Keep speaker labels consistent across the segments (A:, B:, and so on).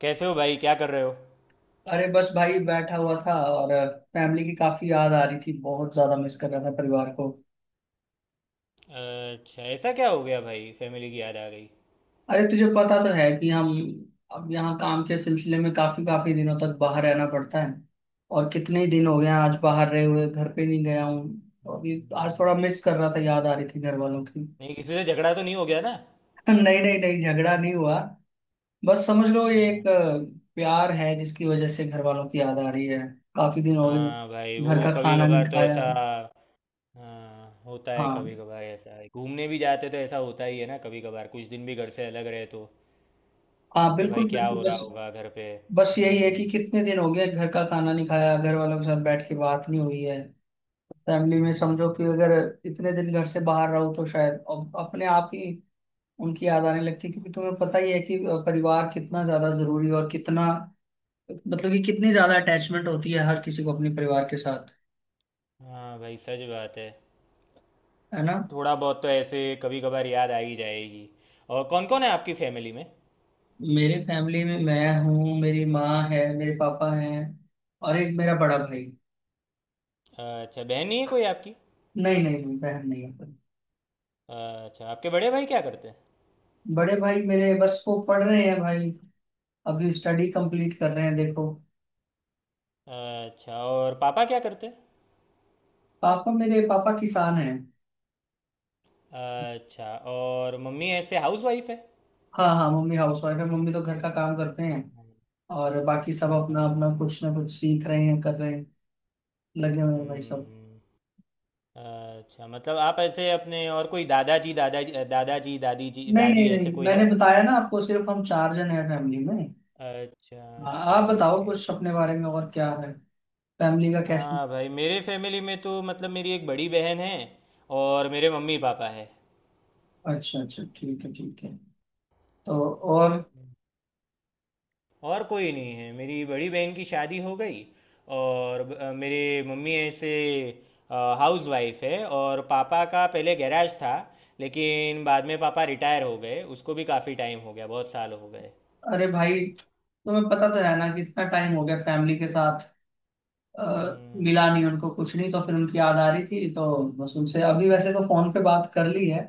A: कैसे हो भाई? क्या कर रहे हो?
B: अरे बस भाई बैठा हुआ था और फैमिली की काफी याद आ रही थी। बहुत ज्यादा मिस कर रहा था परिवार को।
A: अच्छा, ऐसा क्या हो गया भाई? फैमिली की याद आ गई?
B: अरे तुझे पता तो है कि हम अब यहाँ काम के सिलसिले में काफी काफी दिनों तक बाहर रहना पड़ता है। और कितने ही दिन हो गए हैं आज बाहर रहे हुए, घर पे नहीं गया हूँ, तो अभी आज थोड़ा मिस कर रहा था, याद आ रही थी घर वालों की।
A: नहीं, किसी से झगड़ा तो नहीं हो गया ना?
B: नहीं नहीं नहीं, झगड़ा नहीं हुआ। बस समझ लो ये
A: हाँ।
B: एक प्यार है जिसकी वजह से घर वालों की याद आ रही है। काफी दिन हो गए,
A: हाँ भाई,
B: घर
A: वो
B: का
A: कभी
B: खाना नहीं
A: कभार तो
B: खाया।
A: ऐसा। हाँ, होता है कभी
B: हाँ
A: कभार ऐसा है। घूमने भी जाते तो ऐसा होता ही है ना, कभी कभार कुछ दिन भी घर से अलग रहे तो।
B: हाँ,
A: कि भाई
B: बिल्कुल
A: क्या
B: बिल्कुल।
A: हो रहा
B: बस,
A: होगा घर पे।
B: बस यही है
A: हम्म।
B: कि कितने दिन हो गए घर का खाना नहीं खाया, घर वालों के साथ बैठ के बात नहीं हुई है। फैमिली में समझो कि
A: हम्म,
B: अगर इतने दिन घर से बाहर रहो तो शायद अब अपने आप ही उनकी याद आने लगती है, क्योंकि तुम्हें पता ही है कि परिवार कितना ज्यादा जरूरी है, और कितना, मतलब कि कितनी ज्यादा अटैचमेंट होती है हर किसी को अपने परिवार के साथ।
A: हाँ भाई, सच बात है।
B: है ना।
A: थोड़ा बहुत तो ऐसे कभी कभार याद आ ही जाएगी। और कौन कौन है आपकी फैमिली में?
B: मेरे फैमिली में मैं हूँ, मेरी माँ है, मेरे पापा हैं, और एक मेरा बड़ा भाई।
A: अच्छा, बहन नहीं है कोई आपकी?
B: नहीं नहीं नहीं, बहन नहीं है।
A: अच्छा, आपके बड़े भाई क्या करते हैं?
B: बड़े भाई मेरे, बस वो पढ़ रहे हैं भाई। अभी स्टडी कंप्लीट कर रहे हैं, देखो।
A: अच्छा, और पापा क्या करते
B: पापा, मेरे पापा किसान हैं।
A: हैं? अच्छा, और मम्मी ऐसे हाउस वाइफ है?
B: हाँ हाँ, मम्मी हाउसवाइफ है। मम्मी तो घर का काम करते हैं। और बाकी सब अपना
A: अच्छा।
B: अपना कुछ ना कुछ सीख रहे हैं, कर रहे हैं। लगे हुए हैं भाई सब।
A: हम्म, अच्छा, मतलब आप ऐसे अपने, और कोई दादाजी दादाजी दादाजी दादी जी
B: नहीं नहीं
A: दादी ऐसे
B: नहीं,
A: कोई है?
B: मैंने बताया ना आपको, सिर्फ हम 4 जन हैं फैमिली में।
A: अच्छा,
B: हाँ,
A: अच्छा,
B: आप बताओ
A: ओके।
B: कुछ अपने बारे में, और क्या है फैमिली का, कैसे।
A: हाँ भाई, मेरे फैमिली में तो मतलब मेरी एक बड़ी बहन है, और मेरे मम्मी पापा है।
B: अच्छा अच्छा, ठीक है ठीक है। तो। और।
A: और कोई नहीं है। मेरी बड़ी बहन की शादी हो गई, और मेरे मम्मी ऐसे हाउस वाइफ है, और पापा का पहले गैराज था, लेकिन बाद में पापा रिटायर हो गए, उसको भी काफ़ी टाइम हो गया, बहुत साल हो गए।
B: अरे भाई तुम्हें पता तो है ना कितना टाइम हो गया फैमिली के साथ अ,
A: हम्म।
B: मिला नहीं उनको कुछ नहीं, तो फिर उनकी याद आ रही थी, तो बस उनसे अभी वैसे तो फोन पे बात कर ली है।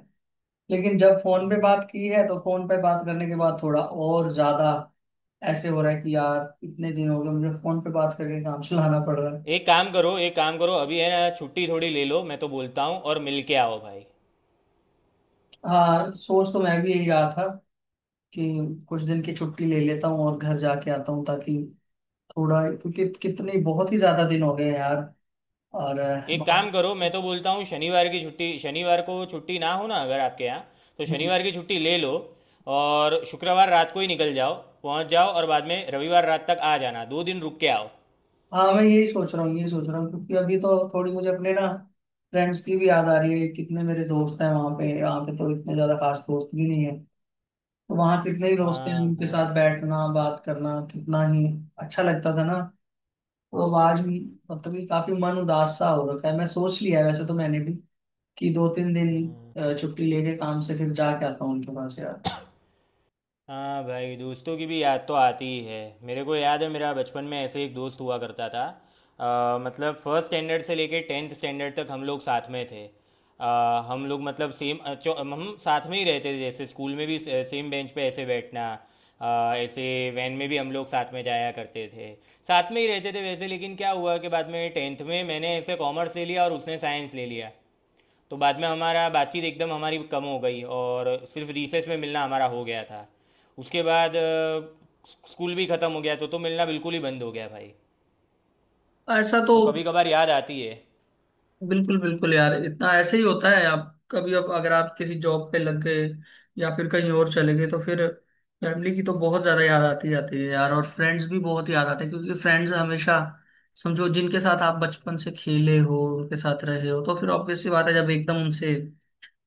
B: लेकिन जब फोन पे
A: हम्म।
B: बात की है, तो फोन पे बात करने के बाद थोड़ा और ज्यादा ऐसे हो रहा है कि यार इतने दिन हो गए मुझे फोन पे बात करके काम चलाना पड़ रहा है।
A: एक काम करो, एक काम करो अभी, है ना? छुट्टी थोड़ी ले लो, मैं तो बोलता हूँ, और मिल के आओ भाई।
B: हाँ सोच तो मैं भी यही रहा था कि कुछ दिन की
A: हाँ।
B: छुट्टी ले लेता हूँ और घर जाके आता हूँ, ताकि थोड़ा, क्योंकि कितने, बहुत ही ज्यादा दिन हो गए हैं यार। और
A: एक काम करो, मैं तो बोलता हूँ शनिवार की छुट्टी, शनिवार को छुट्टी ना हो ना अगर आपके यहाँ, तो
B: अ,
A: शनिवार की छुट्टी ले लो, और शुक्रवार रात को ही निकल जाओ, पहुँच जाओ, और बाद में रविवार रात तक आ जाना, 2 दिन रुक के आओ।
B: हाँ मैं यही सोच रहा हूँ, यही सोच रहा हूँ, क्योंकि अभी तो थोड़ी मुझे अपने ना फ्रेंड्स की भी याद आ रही है। कितने मेरे दोस्त हैं वहाँ पे, यहाँ पे तो इतने ज्यादा खास दोस्त भी नहीं है। तो वहाँ कितने ही दोस्त हैं,
A: हाँ
B: उनके
A: भाई।
B: साथ बैठना, बात करना कितना ही अच्छा लगता था ना। तो अब आज भी, मतलब कि काफी मन उदास सा हो रखा है। मैं सोच लिया है वैसे तो मैंने भी कि 2-3 दिन छुट्टी लेके काम से फिर जाके आता हूँ उनके पास यार।
A: हाँ भाई, दोस्तों की भी याद तो आती ही है। मेरे को याद है, मेरा बचपन में ऐसे एक दोस्त हुआ करता था। मतलब फर्स्ट स्टैंडर्ड से लेके टेंथ स्टैंडर्ड तक हम लोग साथ में थे। हम लोग मतलब सेम, हम साथ में ही रहते थे, जैसे स्कूल में भी सेम बेंच पे ऐसे बैठना। ऐसे वैन में भी हम लोग साथ में जाया करते थे, साथ में ही रहते थे वैसे, लेकिन क्या हुआ कि बाद में टेंथ में मैंने ऐसे कॉमर्स ले लिया और उसने साइंस ले लिया। तो बाद में हमारा बातचीत एकदम हमारी कम हो गई, और सिर्फ रिसेस में मिलना हमारा हो गया था। उसके बाद स्कूल भी ख़त्म हो गया, तो मिलना बिल्कुल ही बंद हो गया भाई।
B: ऐसा तो,
A: तो कभी कभार याद आती है।
B: बिल्कुल बिल्कुल यार, इतना ऐसे ही होता है। आप कभी, अब अगर आप किसी जॉब पे लग गए या फिर कहीं और चले गए, तो फिर फैमिली की तो बहुत ज्यादा याद आती जाती है यार, और फ्रेंड्स भी बहुत याद आते हैं। क्योंकि फ्रेंड्स हमेशा, समझो जिनके साथ आप बचपन से खेले हो, उनके साथ रहे हो, तो फिर ऑब्वियस सी बात है, जब एकदम उनसे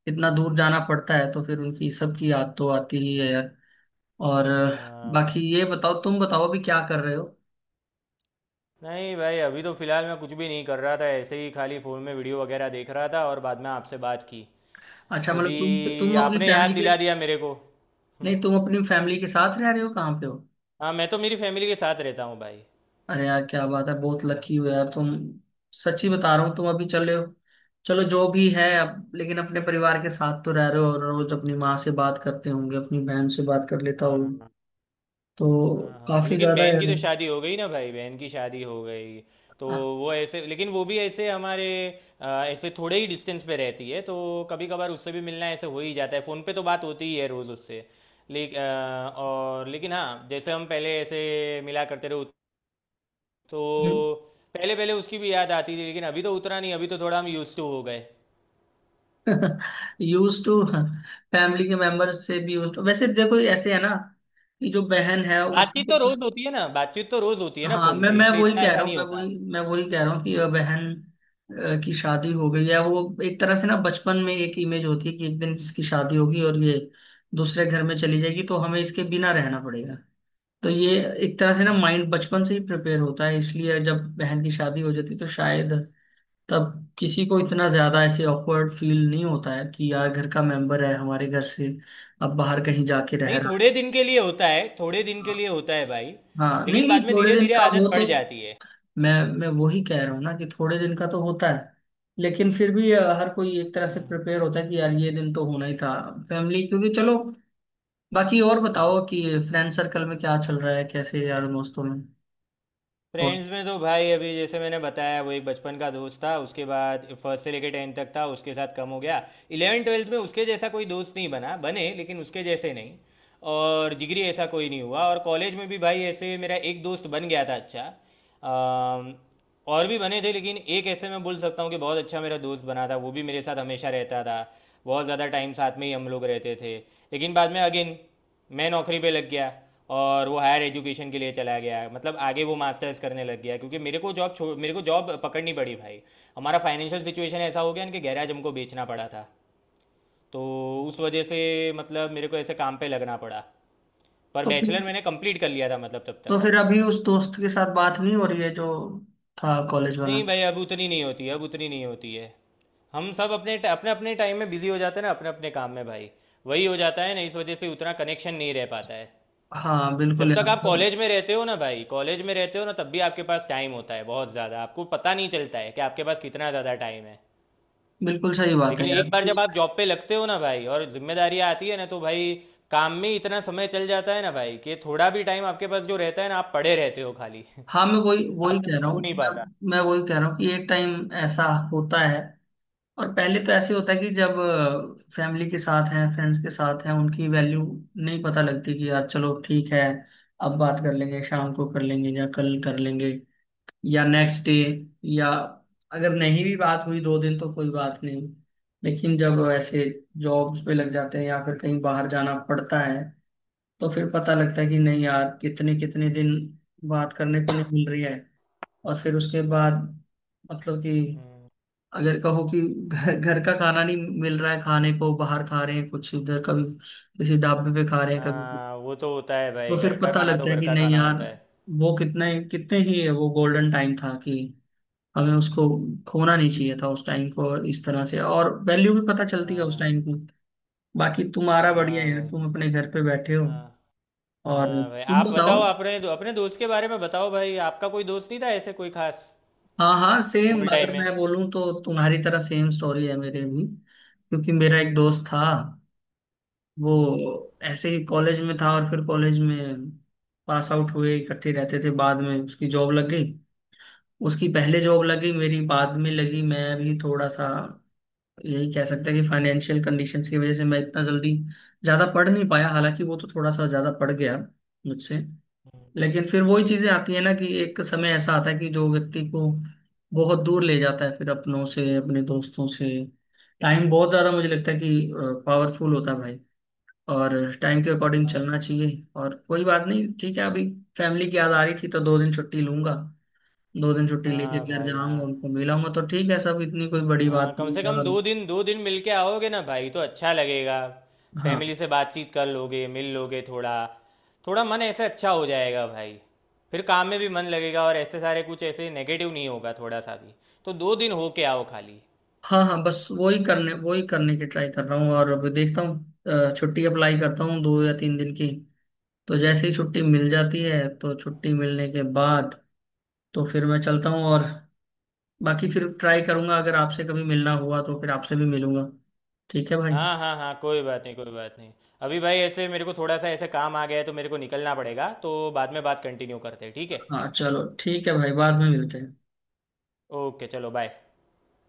B: इतना दूर जाना पड़ता है तो फिर उनकी सबकी याद तो आती ही है यार। और
A: हाँ भाई।
B: बाकी ये बताओ, तुम बताओ अभी क्या कर रहे हो।
A: नहीं भाई, अभी तो फ़िलहाल मैं कुछ भी नहीं कर रहा था, ऐसे ही खाली फ़ोन में वीडियो वगैरह देख रहा था, और बाद में आपसे बात की।
B: अच्छा मतलब तुम
A: अभी
B: तुम अपनी
A: आपने याद
B: फैमिली के,
A: दिला दिया मेरे को। हम्म,
B: नहीं तुम अपनी फैमिली के साथ रह रहे हो, कहाँ पे हो।
A: हाँ, मैं तो मेरी फैमिली के साथ रहता हूँ भाई।
B: अरे यार क्या बात है, बहुत लकी हो यार तुम। सच्ची बता रहा हूँ तुम अभी चले हो। चलो जो भी है, अब लेकिन अपने परिवार के साथ तो रह रहे हो, और रोज अपनी माँ से बात करते होंगे, अपनी बहन से बात कर लेता हो।
A: हाँ, हाँ।
B: तो
A: हाँ, हाँ,
B: काफी
A: लेकिन
B: ज्यादा
A: बहन
B: यार।
A: की तो शादी हो गई ना भाई, बहन की शादी हो गई। तो वो ऐसे, लेकिन वो भी ऐसे हमारे ऐसे थोड़े ही डिस्टेंस पे रहती है, तो कभी कभार उससे भी मिलना ऐसे हो ही जाता है, फ़ोन पे तो बात होती ही है रोज़ उससे, लेकिन, और लेकिन हाँ जैसे हम पहले ऐसे मिला करते रहे तो पहले पहले उसकी भी याद आती थी, लेकिन अभी तो उतना नहीं, अभी तो थोड़ा हम यूज्ड टू हो गए।
B: यूज टू फैमिली के मेंबर्स से भी यूज टू, वैसे देखो ऐसे है ना, कि जो बहन है
A: बातचीत तो
B: उसको।
A: रोज़ होती है ना, बातचीत तो रोज़ होती है ना
B: हाँ
A: फ़ोन
B: मैं
A: पे,
B: मैं
A: इसलिए
B: वही
A: इतना
B: कह रहा
A: ऐसा
B: हूँ,
A: नहीं
B: मैं
A: होता।
B: वही मैं वही कह रहा हूँ कि बहन की शादी हो गई है। वो एक तरह से ना बचपन में एक इमेज होती है कि एक दिन इसकी शादी होगी और ये दूसरे घर में चली जाएगी, तो हमें इसके बिना रहना पड़ेगा। तो ये एक तरह से ना माइंड बचपन से ही प्रिपेयर होता है, इसलिए जब बहन की शादी हो जाती है तो शायद तब किसी को इतना ज्यादा ऐसे ऑकवर्ड फील नहीं होता है कि यार घर का मेंबर है हमारे घर से अब बाहर कहीं जाके रह
A: नहीं,
B: रहा है।
A: थोड़े दिन के लिए होता है, थोड़े दिन के लिए होता है भाई।
B: हाँ नहीं
A: लेकिन
B: नहीं,
A: बाद में
B: थोड़े
A: धीरे
B: दिन
A: धीरे
B: का वो
A: आदत पड़
B: तो।
A: जाती है।
B: मैं मैं वही कह रहा हूँ ना कि थोड़े दिन का तो होता है, लेकिन फिर भी हर कोई एक तरह से प्रिपेयर होता है कि यार ये दिन तो होना ही था। फैमिली, क्योंकि चलो, बाकी और बताओ कि फ्रेंड सर्कल में क्या चल रहा है, कैसे यार दोस्तों में। और।
A: फ्रेंड्स में तो भाई अभी जैसे मैंने बताया, वो एक बचपन का दोस्त था, उसके बाद फर्स्ट से लेके टेंथ तक था, उसके साथ कम हो गया। इलेवन ट्वेल्थ में उसके जैसा कोई दोस्त नहीं बना, बने लेकिन उसके जैसे नहीं, और जिगरी ऐसा कोई नहीं हुआ। और कॉलेज में भी भाई ऐसे मेरा एक दोस्त बन गया था अच्छा। अम, और भी बने थे, लेकिन एक ऐसे मैं बोल सकता हूँ कि बहुत अच्छा मेरा दोस्त बना था, वो भी मेरे साथ हमेशा रहता था, बहुत ज़्यादा टाइम साथ में ही हम लोग रहते थे। लेकिन बाद में अगेन मैं नौकरी पे लग गया, और वो हायर एजुकेशन के लिए चला गया, मतलब आगे वो मास्टर्स करने लग गया, क्योंकि मेरे को जॉब पकड़नी पड़ी भाई। हमारा फाइनेंशियल सिचुएशन ऐसा हो गया ना कि गैराज हमको बेचना पड़ा था, तो उस वजह से, मतलब मेरे को ऐसे काम पे लगना पड़ा। पर
B: तो फिर
A: बैचलर मैंने कंप्लीट कर लिया था, मतलब तब
B: तो
A: तक।
B: फिर अभी उस दोस्त के साथ बात नहीं हो रही है जो था, कॉलेज वाला।
A: नहीं भाई, अब उतनी नहीं होती है, अब उतनी नहीं होती है। हम सब अपने अपने अपने टाइम में बिजी हो जाते हैं ना, अपने अपने काम में भाई। वही हो जाता है ना, इस वजह से उतना कनेक्शन नहीं रह पाता है।
B: हाँ बिल्कुल
A: जब तक
B: यार,
A: आप
B: मतलब,
A: कॉलेज में रहते हो ना भाई, कॉलेज में रहते हो ना, तब भी आपके पास टाइम होता है बहुत ज़्यादा, आपको पता नहीं चलता है कि आपके पास कितना ज़्यादा टाइम है।
B: बिल्कुल सही बात है
A: लेकिन एक
B: यार।
A: बार जब आप जॉब पे लगते हो ना भाई, और जिम्मेदारियाँ आती है ना, तो भाई काम में इतना समय चल जाता है ना भाई, कि थोड़ा भी टाइम आपके पास जो रहता है ना, आप पड़े रहते हो खाली,
B: हाँ मैं वही वही
A: आपसे
B: कह
A: कुछ
B: रहा
A: हो
B: हूँ,
A: नहीं
B: मैं
A: पाता।
B: मैं वही कह रहा हूँ कि एक टाइम ऐसा होता है। और पहले तो ऐसे होता है कि जब फैमिली के साथ हैं, फ्रेंड्स के साथ हैं, उनकी वैल्यू नहीं पता लगती, कि यार चलो ठीक है, अब बात कर लेंगे, शाम को कर लेंगे, या कल कर लेंगे, या नेक्स्ट डे, या अगर नहीं भी बात हुई दो दिन तो कोई बात नहीं। लेकिन जब ऐसे जॉब्स पे लग जाते हैं या फिर कहीं बाहर जाना पड़ता है, तो फिर पता लगता है कि नहीं यार, कितने कितने दिन बात करने को नहीं मिल रही है। और फिर उसके बाद मतलब कि,
A: हम्म।
B: अगर कहो कि घर घर का खाना नहीं मिल रहा है, खाने को बाहर खा रहे हैं कुछ उधर, कभी किसी ढाबे पे खा रहे हैं, कभी कुछ।
A: हाँ, वो तो होता है
B: तो
A: भाई,
B: फिर
A: घर का
B: पता
A: खाना तो
B: लगता है
A: घर
B: कि
A: का
B: नहीं
A: खाना
B: यार,
A: होता है।
B: वो कितना ही, कितने ही वो गोल्डन टाइम था, कि हमें उसको खोना नहीं चाहिए था उस टाइम को इस तरह से, और वैल्यू भी पता चलती है उस
A: हाँ।
B: टाइम की। बाकी तुम्हारा बढ़िया
A: हाँ
B: है,
A: भाई।
B: तुम अपने घर पे बैठे हो।
A: हाँ,
B: और
A: हाँ भाई,
B: तुम
A: आप
B: बताओ।
A: बताओ अपने अपने दोस्त के बारे में बताओ भाई, आपका कोई दोस्त नहीं था ऐसे कोई खास?
B: हाँ हाँ, सेम
A: स्कूल टाइम
B: अगर
A: में।
B: मैं बोलूँ तो तुम्हारी तरह सेम स्टोरी है मेरे भी, क्योंकि मेरा एक दोस्त था,
A: हम्म।
B: वो ऐसे ही कॉलेज में था, और फिर कॉलेज में पास आउट हुए, इकट्ठे रहते थे, बाद में उसकी जॉब लग गई। उसकी पहले जॉब लगी, मेरी बाद में लगी। मैं भी थोड़ा सा, यही कह सकते हैं कि फाइनेंशियल कंडीशंस की वजह से मैं इतना जल्दी ज़्यादा पढ़ नहीं पाया, हालांकि वो तो थोड़ा सा ज़्यादा पढ़ गया मुझसे।
A: हम्म।
B: लेकिन फिर वही चीज़ें आती हैं ना, कि एक समय ऐसा आता है कि जो व्यक्ति को बहुत दूर ले जाता है फिर अपनों से, अपने दोस्तों से। टाइम बहुत ज़्यादा मुझे लगता है कि पावरफुल होता है भाई। और टाइम के अकॉर्डिंग चलना चाहिए, और कोई बात नहीं, ठीक है। अभी फैमिली की याद आ रही थी तो 2 दिन छुट्टी लूंगा, 2 दिन छुट्टी लेके
A: हाँ
B: घर
A: भाई। हाँ,
B: जाऊंगा, उनको मिलाऊंगा, तो ठीक है। सब इतनी कोई बड़ी बात
A: हाँ, कम
B: नहीं
A: से
B: है।
A: कम
B: और
A: 2 दिन, 2 दिन मिलके आओगे ना भाई, तो अच्छा लगेगा।
B: हाँ
A: फैमिली से बातचीत कर लोगे, मिल लोगे थोड़ा, थोड़ा मन ऐसे अच्छा हो जाएगा भाई। फिर काम में भी मन लगेगा, और ऐसे सारे कुछ ऐसे नेगेटिव नहीं होगा थोड़ा सा भी। तो 2 दिन होके आओ खाली।
B: हाँ हाँ, बस वही करने की ट्राई कर रहा हूँ। और अभी देखता हूँ छुट्टी अप्लाई करता हूँ 2 या 3 दिन की। तो जैसे ही छुट्टी मिल जाती है, तो छुट्टी मिलने के बाद तो फिर मैं चलता हूँ। और बाकी फिर ट्राई करूंगा, अगर आपसे कभी मिलना हुआ तो फिर आपसे भी मिलूंगा। ठीक है भाई।
A: हाँ, हाँ, हाँ, कोई बात नहीं, कोई बात नहीं। अभी भाई ऐसे मेरे को थोड़ा सा ऐसे काम आ गया है, तो मेरे को निकलना पड़ेगा, तो बाद में बात कंटिन्यू करते हैं, ठीक है?
B: हाँ चलो ठीक है भाई, बाद में मिलते हैं।
A: ओके, चलो, बाय।